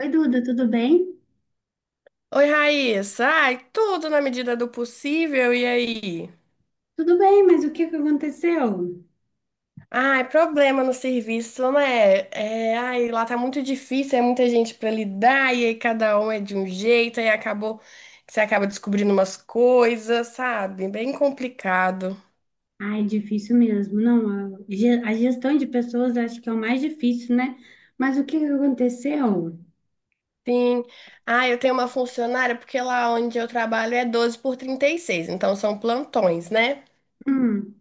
Oi, Duda, tudo bem? Oi, Raíssa. Ai, tudo na medida do possível, e aí? Tudo bem, mas o que que aconteceu? Ai, problema no serviço, né? É, ai, lá tá muito difícil, é muita gente pra lidar, e aí cada um é de um jeito, aí acabou que você acaba descobrindo umas coisas, sabe? Bem complicado. Ai, difícil mesmo. Não, a gestão de pessoas acho que é o mais difícil, né? Mas o que que aconteceu? Sim. Ah, eu tenho uma funcionária, porque lá onde eu trabalho é 12x36, então são plantões, né? Hum.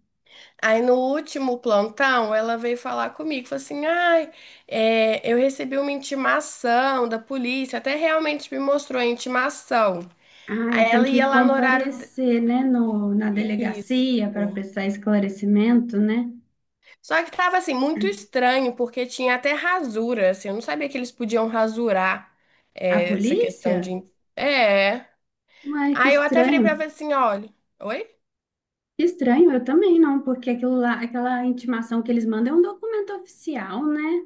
Aí no último plantão, ela veio falar comigo, falou assim, ai, é, eu recebi uma intimação da polícia, até realmente me mostrou a intimação. Aí Ai, tem ela que ia lá no horário comparecer, né, no, na Isso. delegacia para prestar esclarecimento, né? Só que tava, assim, muito estranho, porque tinha até rasura, assim, eu não sabia que eles podiam rasurar A é, essa polícia? questão de... É. Ué, que Aí eu até virei estranho. pra ela e falei assim, olha... Oi? Que estranho, eu também não, porque aquilo lá, aquela intimação que eles mandam é um documento oficial, né?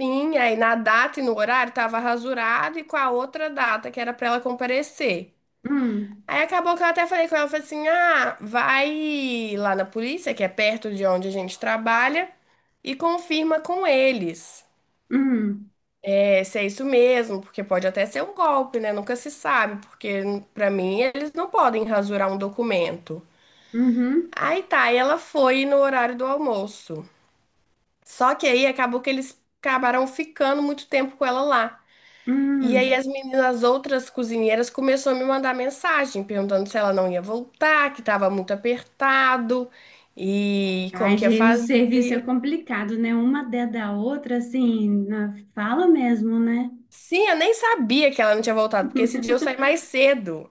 Sim, aí na data e no horário tava rasurado e com a outra data que era pra ela comparecer. Hum. Aí acabou que eu até falei com ela, falei assim, ah, vai lá na polícia, que é perto de onde a gente trabalha, e confirma com eles. Hum. É, se é isso mesmo, porque pode até ser um golpe, né? Nunca se sabe, porque pra mim eles não podem rasurar um documento. Uhum. Aí tá, e ela foi no horário do almoço. Só que aí acabou que eles acabaram ficando muito tempo com ela lá. E aí Hum. as meninas, as outras cozinheiras começaram a me mandar mensagem perguntando se ela não ia voltar, que estava muito apertado e como Ai, que ia gente, no serviço é fazer. complicado, né? Uma dentro da outra, assim, na fala mesmo, né? Sim, eu nem sabia que ela não tinha voltado, porque esse dia eu saí mais cedo.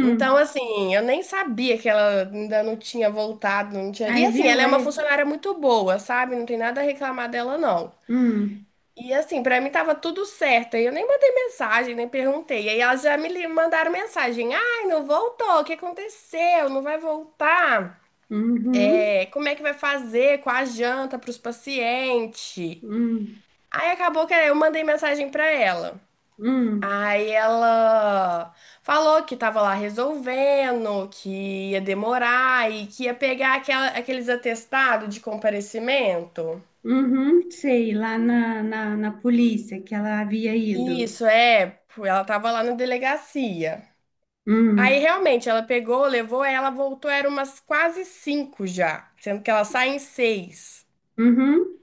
Então, assim, eu nem sabia que ela ainda não tinha voltado, não tinha. E Aí assim, viu? ela é uma Aí. funcionária muito boa, sabe? Não tem nada a reclamar dela, não. Hum. E assim, pra mim tava tudo certo. Aí eu nem mandei mensagem, nem perguntei. Aí elas já me mandaram mensagem. Ai, não voltou. O que aconteceu? Não vai voltar? Uhum. É, como é que vai fazer com a janta pros pacientes? Hum. Aí acabou que eu mandei mensagem pra ela. Hum. Aí ela falou que tava lá resolvendo, que ia demorar e que ia pegar aqueles atestados de comparecimento. Uhum. Sei, lá na polícia que ela havia ido. Isso, é, ela tava lá na delegacia. Aí Hum. realmente ela pegou, levou, ela voltou, era umas quase cinco já, sendo que ela sai em seis. Uhum.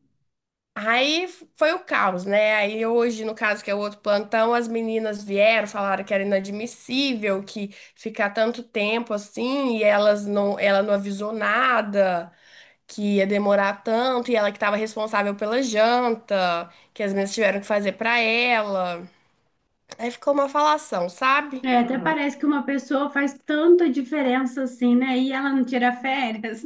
Aí foi o caos, né? Aí hoje, no caso, que é o outro plantão, as meninas vieram, falaram que era inadmissível que ficar tanto tempo assim, e elas não, ela não avisou nada, que ia demorar tanto, e ela que estava responsável pela janta, que as meninas tiveram que fazer para ela. Aí ficou uma falação, sabe? É, até parece que uma pessoa faz tanta diferença assim, né? E ela não tira férias.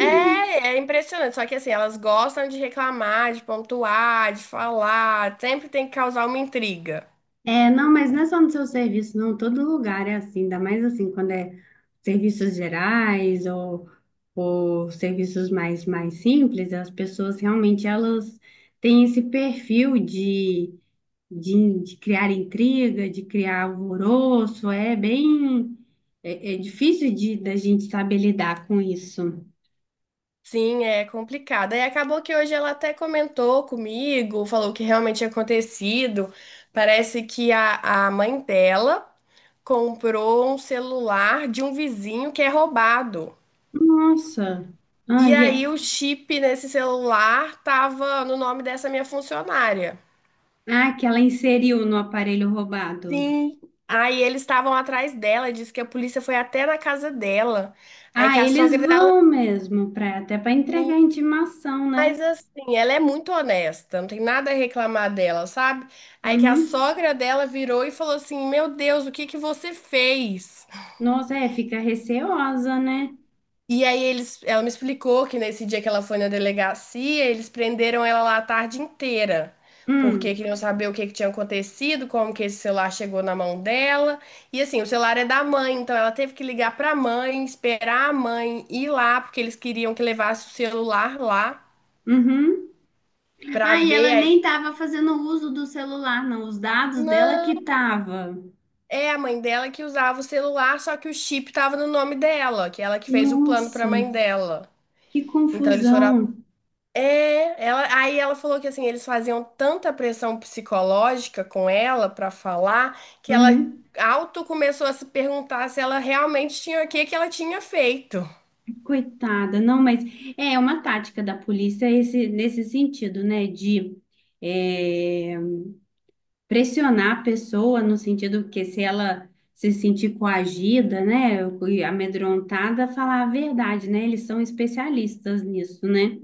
É, é impressionante. Só que assim, elas gostam de reclamar, de pontuar, de falar. Sempre tem que causar uma intriga. É, não, mas não é só no seu serviço, não. Todo lugar é assim, ainda mais assim, quando é serviços gerais ou serviços mais simples, as pessoas realmente elas têm esse perfil de criar intriga, de criar alvoroço, é bem, é difícil da gente saber lidar com isso. Sim, é complicado. E acabou que hoje ela até comentou comigo, falou o que realmente tinha acontecido. Parece que a mãe dela comprou um celular de um vizinho que é roubado. Nossa, ah, E aí o chip nesse celular tava no nome dessa minha funcionária. Que ela inseriu no aparelho roubado. Sim. Aí eles estavam atrás dela, disse que a polícia foi até na casa dela. Aí Ah, que a eles sogra dela. vão mesmo, até para entregar Sim, intimação, né? mas assim, ela é muito honesta, não tem nada a reclamar dela, sabe? Aí que a Uhum. sogra dela virou e falou assim: Meu Deus, o que que você fez? Nossa, é, fica receosa, né? E aí eles, ela me explicou que nesse dia que ela foi na delegacia, eles prenderam ela lá a tarde inteira, porque Hum. queriam saber o que que tinha acontecido, como que esse celular chegou na mão dela. E assim, o celular é da mãe, então ela teve que ligar pra mãe, esperar a mãe ir lá, porque eles queriam que levasse o celular lá Uhum. pra Ah, e ver. ela Aí, nem tava fazendo uso do celular, não. Os dados dela que não, tava. é a mãe dela que usava o celular, só que o chip tava no nome dela, que ela que fez o plano pra Nossa, mãe dela. que Então eles foram confusão. é, ela, aí ela falou que assim, eles faziam tanta pressão psicológica com ela pra falar que ela Uhum. auto começou a se perguntar se ela realmente tinha o que que ela tinha feito. Coitada, não, mas é uma tática da polícia esse, nesse sentido, né? De, é, pressionar a pessoa no sentido que se ela se sentir coagida, né, e amedrontada, falar a verdade, né? Eles são especialistas nisso, né?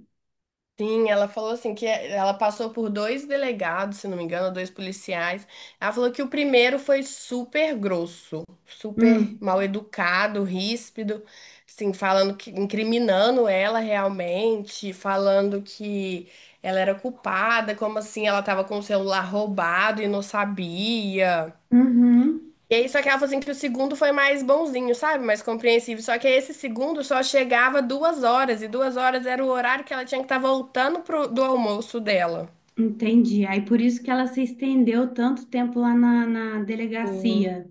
Sim, ela falou assim que é, ela passou por dois delegados, se não me engano, dois policiais. Ela falou que o primeiro foi super grosso, super Hum. mal educado, ríspido, assim, falando que incriminando ela realmente, falando que ela era culpada, como assim ela estava com o celular roubado e não sabia. Uhum. E aí, só que ela falou assim que o segundo foi mais bonzinho, sabe? Mais compreensível. Só que esse segundo só chegava duas horas, e duas horas era o horário que ela tinha que estar voltando pro, do almoço dela. Entendi. Aí por isso que ela se estendeu tanto tempo lá na Sim. delegacia.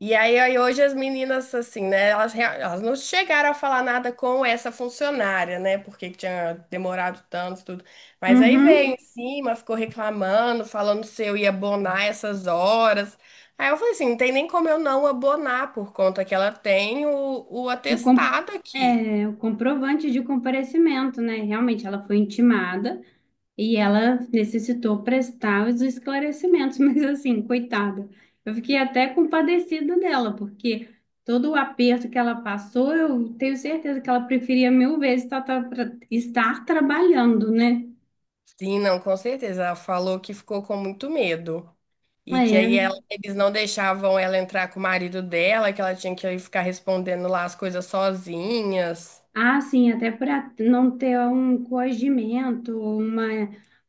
E aí, aí hoje as meninas, assim, né? Elas, elas não chegaram a falar nada com essa funcionária, né? Porque que tinha demorado tanto, tudo. Mas aí veio Uhum. em cima, ficou reclamando, falando se eu ia abonar essas horas. Aí eu falei assim, não tem nem como eu não abonar por conta que ela tem o O com- atestado aqui. o comprovante de comparecimento, né? Realmente ela foi intimada. E ela necessitou prestar os esclarecimentos, mas assim, coitada, eu fiquei até compadecida dela, porque todo o aperto que ela passou, eu tenho certeza que ela preferia mil vezes estar trabalhando, né? Sim, não, com certeza. Ela falou que ficou com muito medo. E que É. aí eles não deixavam ela entrar com o marido dela, que ela tinha que ficar respondendo lá as coisas sozinhas. Ah, sim, até para não ter um coagimento, uma,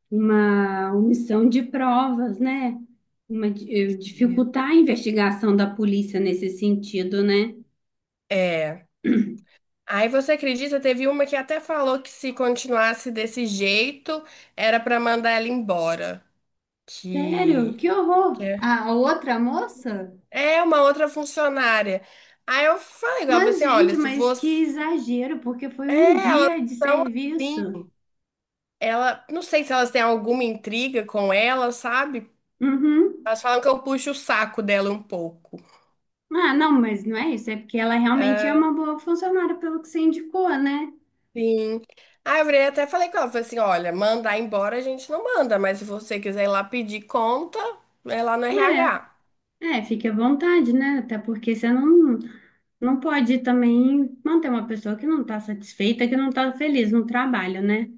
uma omissão de provas, né? Dificultar a investigação da polícia nesse sentido, né? É. Aí você acredita, teve uma que até falou que se continuasse desse jeito, era pra mandar ela embora. Sério? Que, Que que horror! é A outra moça? é uma outra funcionária. Aí eu falei igual Mas, você, olha, gente, se mas que você. exagero, porque foi um É, elas dia de são serviço. assim. Ela, não sei se elas têm alguma intriga com ela, sabe? Uhum. Elas falam que eu puxo o saco dela um pouco. Ah, não, mas não é isso. É porque ela realmente é Ah, uma boa funcionária, pelo que você indicou, né? sim. Ah, eu virei até falei com ela, falei assim, olha, mandar embora a gente não manda, mas se você quiser ir lá pedir conta, é lá no RH. É, fique à vontade, né? Até porque você não, pode também manter uma pessoa que não está satisfeita, que não está feliz no trabalho, né?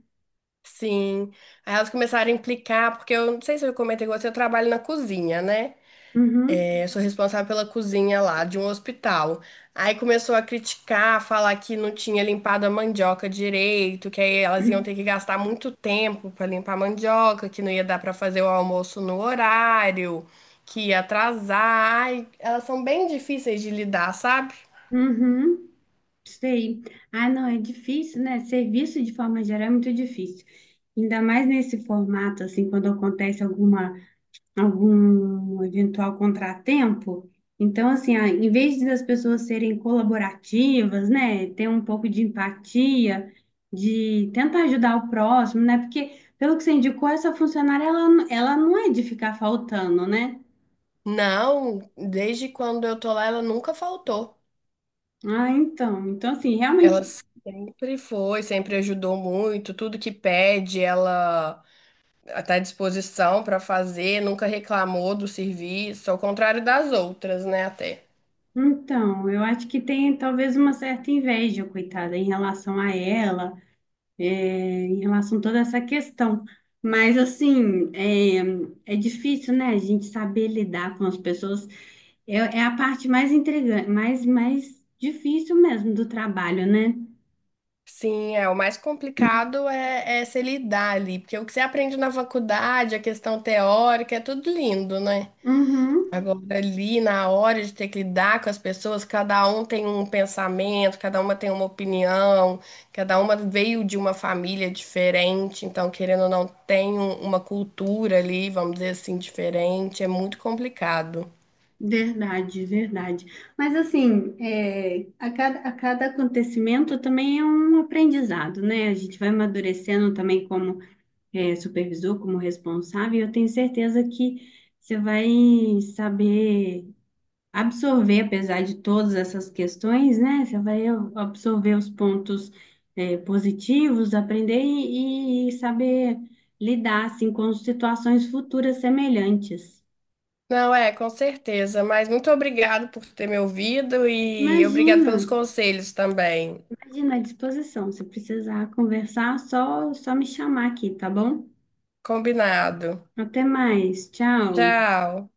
Sim. Aí elas começaram a implicar, porque eu não sei se eu comentei com você, eu trabalho na cozinha, né? Uhum. Eu sou responsável pela cozinha lá de um hospital. Aí começou a criticar, falar que não tinha limpado a mandioca direito, que aí elas iam ter que gastar muito tempo para limpar a mandioca, que não ia dar para fazer o almoço no horário, que ia atrasar. Ai, elas são bem difíceis de lidar, sabe? Uhum. Sei. Ah, não, é difícil, né? Serviço de forma geral é muito difícil. Ainda mais nesse formato, assim, quando acontece algum eventual contratempo. Então, assim, ah, em vez das pessoas serem colaborativas, né? Ter um pouco de empatia, de tentar ajudar o próximo, né? Porque, pelo que você indicou, essa funcionária, ela, não é de ficar faltando, né? Não, desde quando eu tô lá, ela nunca faltou. Ah, então. Então, assim, realmente Ela sempre foi, sempre ajudou muito, tudo que pede, ela está à disposição para fazer, nunca reclamou do serviço, ao contrário das outras, né, até. Então, eu acho que tem talvez uma certa inveja, coitada, em relação a ela, é, em relação a toda essa questão. Mas, assim, é difícil, né, a gente saber lidar com as pessoas. É, é a parte mais intrigante, mais difícil mesmo do trabalho, né? Sim, é, o mais complicado é, é se lidar ali, porque o que você aprende na faculdade, a questão teórica, é tudo lindo, né? Uhum, Agora, ali, na hora de ter que lidar com as pessoas, cada um tem um pensamento, cada uma tem uma opinião, cada uma veio de uma família diferente, então, querendo ou não, tem uma cultura ali, vamos dizer assim, diferente, é muito complicado. verdade, verdade. Mas, assim, é, a cada acontecimento também é um aprendizado, né? A gente vai amadurecendo também como supervisor, como responsável, eu tenho certeza que você vai saber absorver, apesar de todas essas questões, né? Você vai absorver os pontos, positivos, aprender e saber lidar, assim, com situações futuras semelhantes. Não, é, com certeza. Mas muito obrigado por ter me ouvido e obrigado Imagina, pelos conselhos também. imagina à disposição. Se precisar conversar, só me chamar aqui, tá bom? Combinado. Até mais, tchau. Tchau.